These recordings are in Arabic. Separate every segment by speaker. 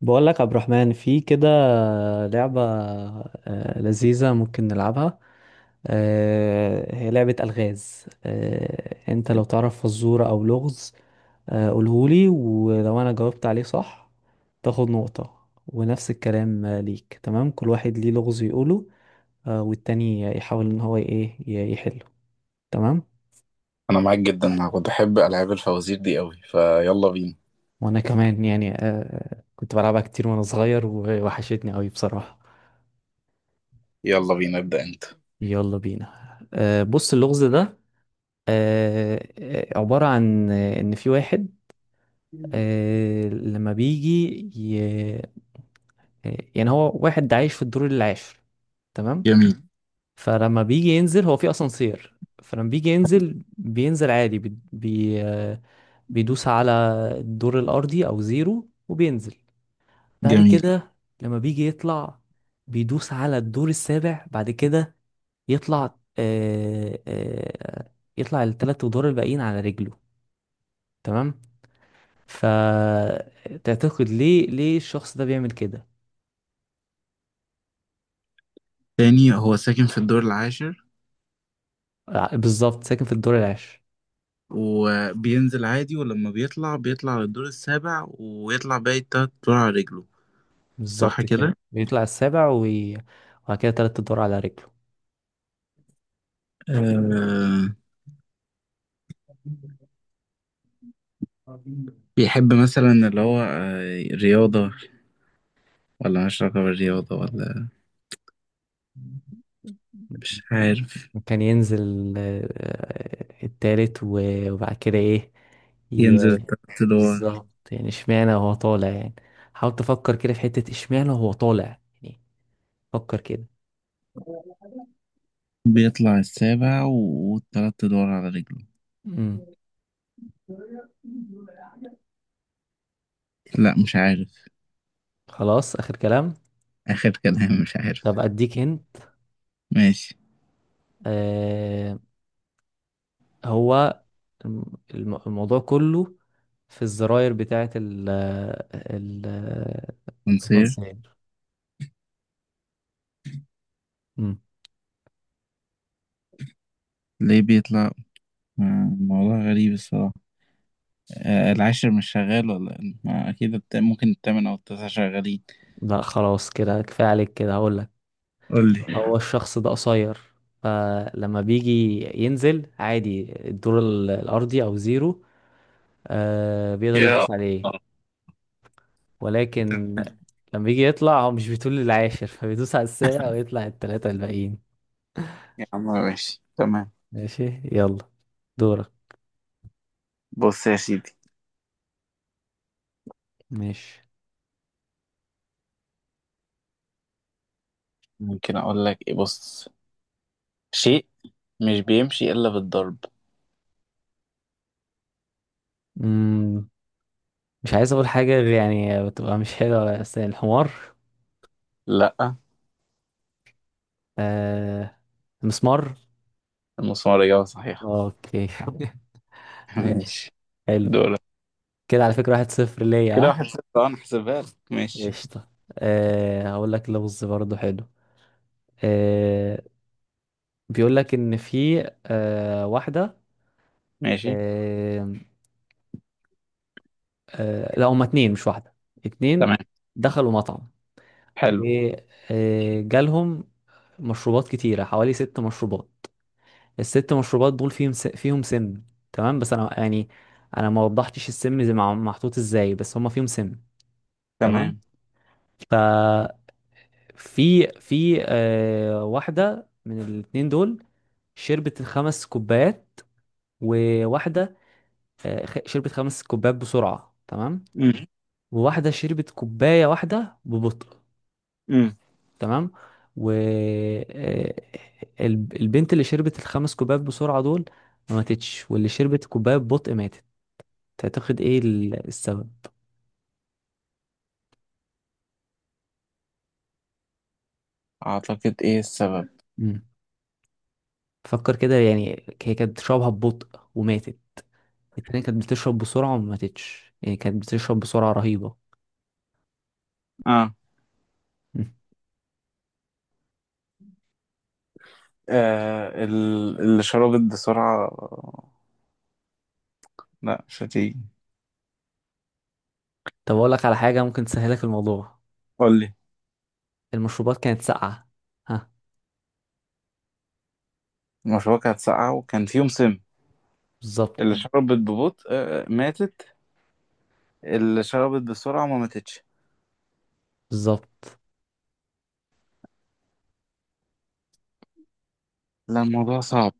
Speaker 1: بقول لك عبد الرحمن في كده لعبة لذيذة، ممكن نلعبها. هي لعبة ألغاز. انت لو تعرف فزورة او لغز قولهولي، ولو انا جاوبت عليه صح تاخد نقطة ونفس الكلام ليك. تمام، كل واحد ليه لغز يقوله والتاني يحاول ان هو ايه يحله. تمام.
Speaker 2: انا معاك جدا. انا كنت بحب العاب الفوازير دي قوي. فيلا بينا.
Speaker 1: وانا كمان يعني كنت بلعبها كتير وانا صغير ووحشتني قوي بصراحة.
Speaker 2: يلا بينا ابدا انت.
Speaker 1: يلا بينا، بص اللغز ده عبارة عن إن في واحد، لما بيجي ي... آه، يعني هو واحد عايش في الدور العاشر. تمام.
Speaker 2: جميل.
Speaker 1: فلما بيجي ينزل هو في أسانسير، فلما بيجي ينزل بينزل عادي بي... بي... آه، بيدوس على الدور الأرضي أو زيرو وبينزل بعد
Speaker 2: جميل.
Speaker 1: كده. لما بيجي يطلع بيدوس على الدور السابع بعد كده يطلع يطلع التلات أدوار الباقيين على رجله. تمام. فتعتقد ليه الشخص ده بيعمل كده؟
Speaker 2: تاني، هو ساكن في الدور العاشر
Speaker 1: بالظبط، ساكن في الدور العاشر.
Speaker 2: وبينزل عادي، ولما بيطلع بيطلع للدور السابع ويطلع باقي التلات دور على رجله. صح
Speaker 1: بالظبط كده
Speaker 2: كده؟
Speaker 1: بيطلع السابع وبعد كده تلات ادوار على رجله.
Speaker 2: آه، بيحب مثلا اللي هو رياضة، ولا مش علاقة بالرياضة، ولا مش عارف.
Speaker 1: كان ينزل التالت وبعد كده ايه
Speaker 2: ينزل
Speaker 1: ي-
Speaker 2: التلات دور.
Speaker 1: بالظبط. يعني اشمعنى وهو طالع يعني، حاول تفكر كده في حتة اشمعنى وهو طالع يعني، فكر كده.
Speaker 2: بيطلع السابع والتلات ادوار على رجله.
Speaker 1: امم.
Speaker 2: لا مش عارف.
Speaker 1: خلاص، اخر كلام.
Speaker 2: اخر كلام مش عارف.
Speaker 1: طب اديك هنت.
Speaker 2: ماشي.
Speaker 1: آه، هو الم- الموضوع كله في الزراير بتاعة ال ال
Speaker 2: نصير.
Speaker 1: التنصير. مم.
Speaker 2: ليه بيطلع؟ موضوع غريب الصراحة. العاشر مش شغال ولا إيه؟ ما أكيد ممكن التامن أو التاسع شغالين.
Speaker 1: لا خلاص كده، كفاية عليك كده هقول لك.
Speaker 2: قول لي.
Speaker 1: هو الشخص ده قصير، فلما بيجي ينزل عادي الدور الأرضي أو زيرو آه بيقدر
Speaker 2: يا
Speaker 1: يدوس عليه، ولكن لما بيجي يطلع هو مش بيطول للعاشر فبيدوس على السابع ويطلع التلاتة الباقيين.
Speaker 2: عم ماشي تمام.
Speaker 1: ماشي، يلا دورك.
Speaker 2: بص يا سيدي،
Speaker 1: ماشي.
Speaker 2: ممكن أقول لك إيه. بص، شيء مش بيمشي إلا بالضرب.
Speaker 1: مش عايز اقول حاجه غير، يعني بتبقى مش حلوه، بس الحمار.
Speaker 2: لأ.
Speaker 1: آه، المسمار.
Speaker 2: المسمار إجابة صحيحة.
Speaker 1: اوكي. ماشي،
Speaker 2: ماشي.
Speaker 1: حلو.
Speaker 2: دور.
Speaker 1: كده على فكره 1-0 ليا،
Speaker 2: كده
Speaker 1: ها؟
Speaker 2: واحد صفر. اه، انا احسبها لك. ماشي.
Speaker 1: قشطه. هقول لك لغز برضه حلو. آه بيقول لك ان في واحده،
Speaker 2: ماشي.
Speaker 1: آه لا هما اتنين مش واحده، اتنين
Speaker 2: تمام.
Speaker 1: دخلوا مطعم
Speaker 2: حلو.
Speaker 1: وجالهم مشروبات كتيره حوالي ست مشروبات. الست مشروبات دول فيهم فيهم سم. تمام، بس انا يعني، انا ما وضحتش السم زي محطوط ازاي، بس هما فيهم سم. تمام.
Speaker 2: تمام.
Speaker 1: ففي في واحده من الاتنين دول شربت الخمس كوبايات، وواحده شربت خمس كوبايات بسرعه. تمام.
Speaker 2: امم.
Speaker 1: وواحده شربت كوبايه واحده ببطء.
Speaker 2: امم.
Speaker 1: تمام. و آه، البنت اللي شربت الخمس كوبايات بسرعه دول ما ماتتش، واللي شربت كوبايه ببطء ماتت. تعتقد ايه السبب؟
Speaker 2: اعتقد ايه السبب؟
Speaker 1: مم. فكر كده يعني، هي كانت بتشربها ببطء وماتت، التانية كانت بتشرب بسرعة وما ماتتش، يعني كانت بتشرب بسرعة رهيبة.
Speaker 2: اه.
Speaker 1: مم.
Speaker 2: آه اللي شربت بسرعة. لا مش هتيجي.
Speaker 1: طب أقول لك على حاجة ممكن تسهلك الموضوع.
Speaker 2: قول لي.
Speaker 1: المشروبات كانت ساقعة، ها؟
Speaker 2: المشروع كانت ساقعة وكان فيهم سم.
Speaker 1: بالظبط.
Speaker 2: اللي شربت ببطء ماتت. اللي شربت بسرعة ما ماتتش.
Speaker 1: بالظبط.
Speaker 2: لا الموضوع صعب.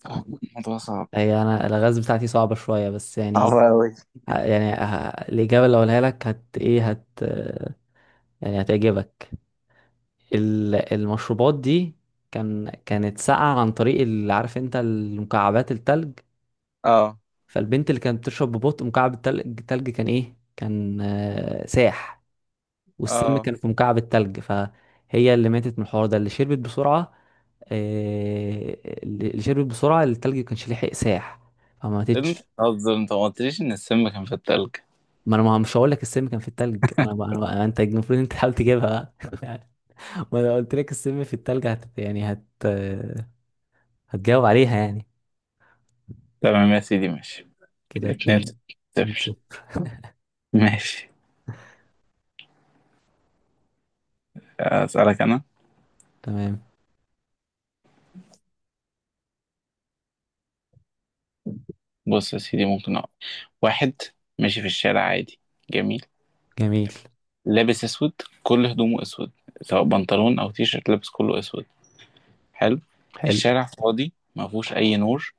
Speaker 2: الموضوع صعب.
Speaker 1: هي أنا الغاز بتاعتي صعبة شوية، بس يعني
Speaker 2: صعب
Speaker 1: إيه،
Speaker 2: أوي.
Speaker 1: الإجابة اللي أقولها لك هت إيه هت يعني هتعجبك. المشروبات دي كانت ساقعة عن طريق اللي عارف أنت المكعبات التلج.
Speaker 2: اه.
Speaker 1: فالبنت اللي كانت بتشرب ببطء مكعب التلج، التلج كان ايه، كان ساح، والسم
Speaker 2: اه.
Speaker 1: كان في مكعب التلج، فهي اللي ماتت من الحوار ده اللي شربت بسرعة. اللي شربت بسرعة التلج كانش لحق ساح فما
Speaker 2: انت
Speaker 1: ماتتش.
Speaker 2: قصدي انت ما قلتليش ان السم كان في التلج.
Speaker 1: ما انا ما مش هقول لك السم كان في التلج، انا بقى، أنا بقى انت المفروض انت تحاول تجيبها بقى. ما انا قلت لك السم في التلج، هت يعني هت آه، هتجاوب عليها يعني.
Speaker 2: تمام يا سيدي ماشي.
Speaker 1: كده
Speaker 2: اتنين
Speaker 1: اتنين. اتنين
Speaker 2: صفر.
Speaker 1: صفر
Speaker 2: ماشي. أسألك أنا.
Speaker 1: تمام.
Speaker 2: بص يا سيدي، ممكن أقول. واحد ماشي في الشارع عادي. جميل.
Speaker 1: جميل،
Speaker 2: لابس أسود. كل هدومه أسود. سواء بنطلون أو تيشيرت لابس كله أسود. حلو.
Speaker 1: حلو.
Speaker 2: الشارع فاضي ما فيهوش أي نور.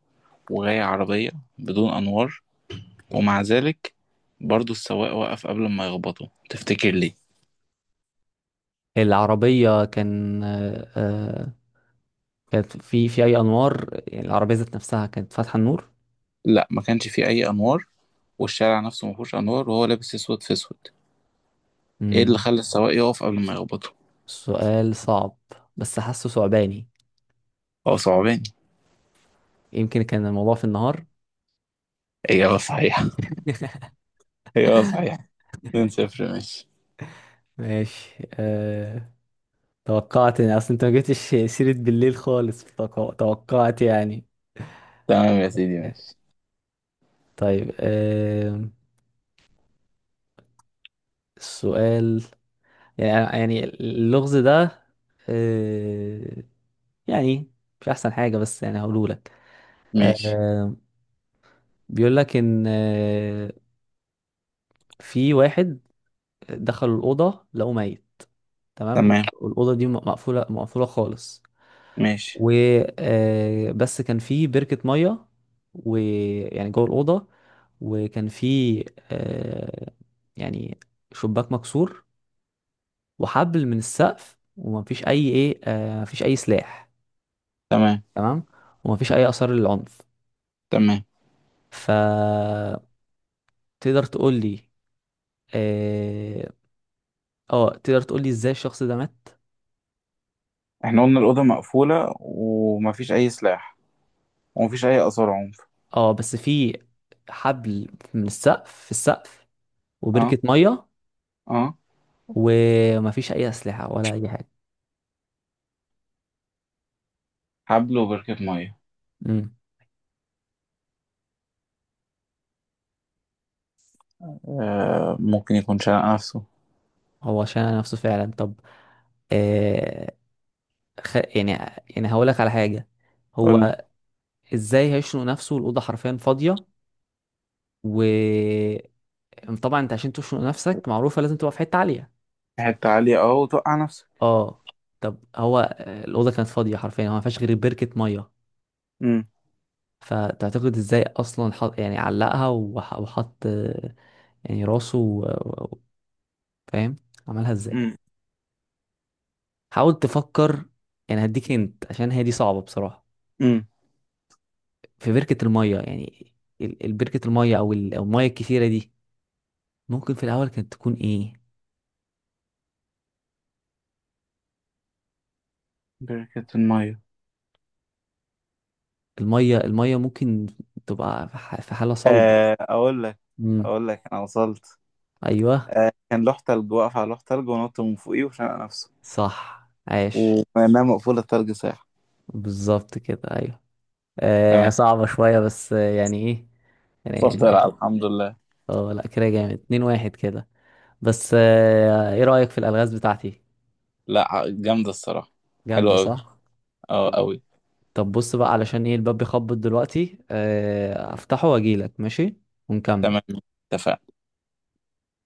Speaker 2: وجاية عربية بدون أنوار. ومع ذلك برضو السواق وقف قبل ما يخبطه. تفتكر ليه؟
Speaker 1: العربية كانت في أي أنوار، يعني العربية ذات نفسها كانت فاتحة النور.
Speaker 2: لا ما كانش فيه أي أنوار. والشارع نفسه ما فيهوش أنوار، وهو لابس أسود في أسود. إيه اللي
Speaker 1: مم.
Speaker 2: خلى السواق يقف قبل ما يخبطه؟
Speaker 1: سؤال صعب، بس حاسه صعباني.
Speaker 2: هو صعباني.
Speaker 1: يمكن كان الموضوع في النهار.
Speaker 2: إجابة صحيحة. إجابة صحيحة. 2 0 ماشي.
Speaker 1: ماشي. توقعت يعني، أصل أنت ما جبتش سيرة بالليل خالص توقعت يعني.
Speaker 2: تمام يا سيدي ماشي.
Speaker 1: طيب السؤال يعني، اللغز ده أه... يعني مش أحسن حاجة بس يعني هقوله لك.
Speaker 2: ماشي
Speaker 1: آه، بيقول لك ان في واحد دخل الاوضه لقوه ميت. تمام،
Speaker 2: تمام.
Speaker 1: والاوضه دي مقفوله، مقفوله خالص.
Speaker 2: ماشي.
Speaker 1: و آه، بس كان في بركه ميه، ويعني جوه الاوضه، وكان في آه، يعني شباك مكسور وحبل من السقف ومفيش اي ايه آه، مفيش اي سلاح.
Speaker 2: تمام.
Speaker 1: تمام، ومفيش اي اثار للعنف.
Speaker 2: تمام.
Speaker 1: فتقدر تقول لي اه آه، تقدر تقول لي ازاي الشخص ده مات.
Speaker 2: احنا قلنا الأوضة مقفولة ومفيش أي سلاح، ومفيش أي آثار عنف.
Speaker 1: اه، بس في حبل من السقف، في السقف، وبركة
Speaker 2: اه.
Speaker 1: مية.
Speaker 2: اه.
Speaker 1: ومفيش أي أسلحة ولا أي حاجة.
Speaker 2: حبل وبركة مية.
Speaker 1: امم.
Speaker 2: آه ممكن يكون شنق نفسه.
Speaker 1: هو شنق نفسه فعلا. طب، آه خ... يعني يعني هقولك على حاجة.
Speaker 2: قول لي.
Speaker 1: هو ازاي هيشنق نفسه، الأوضة حرفيا فاضية. و طبعا انت عشان تشنق نفسك معروفة لازم تبقى في حتة عالية.
Speaker 2: حتة عالية اه، وتوقع نفسك.
Speaker 1: اه، طب هو الأوضة كانت فاضية حرفيا، هو مفيهاش غير بركة مية.
Speaker 2: امم.
Speaker 1: فتعتقد ازاي اصلا حط يعني علقها وحط يعني راسه فاهم، عملها ازاي؟
Speaker 2: امم.
Speaker 1: حاول تفكر، يعني هديك انت عشان هي دي صعبة بصراحة.
Speaker 2: امم.
Speaker 1: في بركة المية، يعني بركة المية أو المية الكتيرة دي ممكن في الاول كانت تكون ايه.
Speaker 2: بركة المية.
Speaker 1: المية المية ممكن تبقى في في حالة صلبة.
Speaker 2: آه أقول لك.
Speaker 1: امم.
Speaker 2: أقول لك أنا وصلت.
Speaker 1: ايوه،
Speaker 2: آه كان لوح تلج، واقف على لوح تلج ونط من فوقيه وشنق نفسه.
Speaker 1: صح، عاش.
Speaker 2: ومعناها مقفولة، التلج ساعة.
Speaker 1: بالظبط كده، ايوه.
Speaker 2: تمام.
Speaker 1: صعبة شوية، بس يعني ايه
Speaker 2: اتفضل
Speaker 1: يعني.
Speaker 2: الحمد لله.
Speaker 1: اه لا، كده جامد، 2-1 كده. بس ايه رأيك في الألغاز بتاعتي؟
Speaker 2: لا جامدة الصراحة. حلوة
Speaker 1: جامدة
Speaker 2: أوي.
Speaker 1: صح.
Speaker 2: أه
Speaker 1: طب
Speaker 2: أوي.
Speaker 1: طب بص بقى، علشان ايه الباب بيخبط دلوقتي، افتحه واجيلك، ماشي، ونكمل.
Speaker 2: تمام. اتفقنا.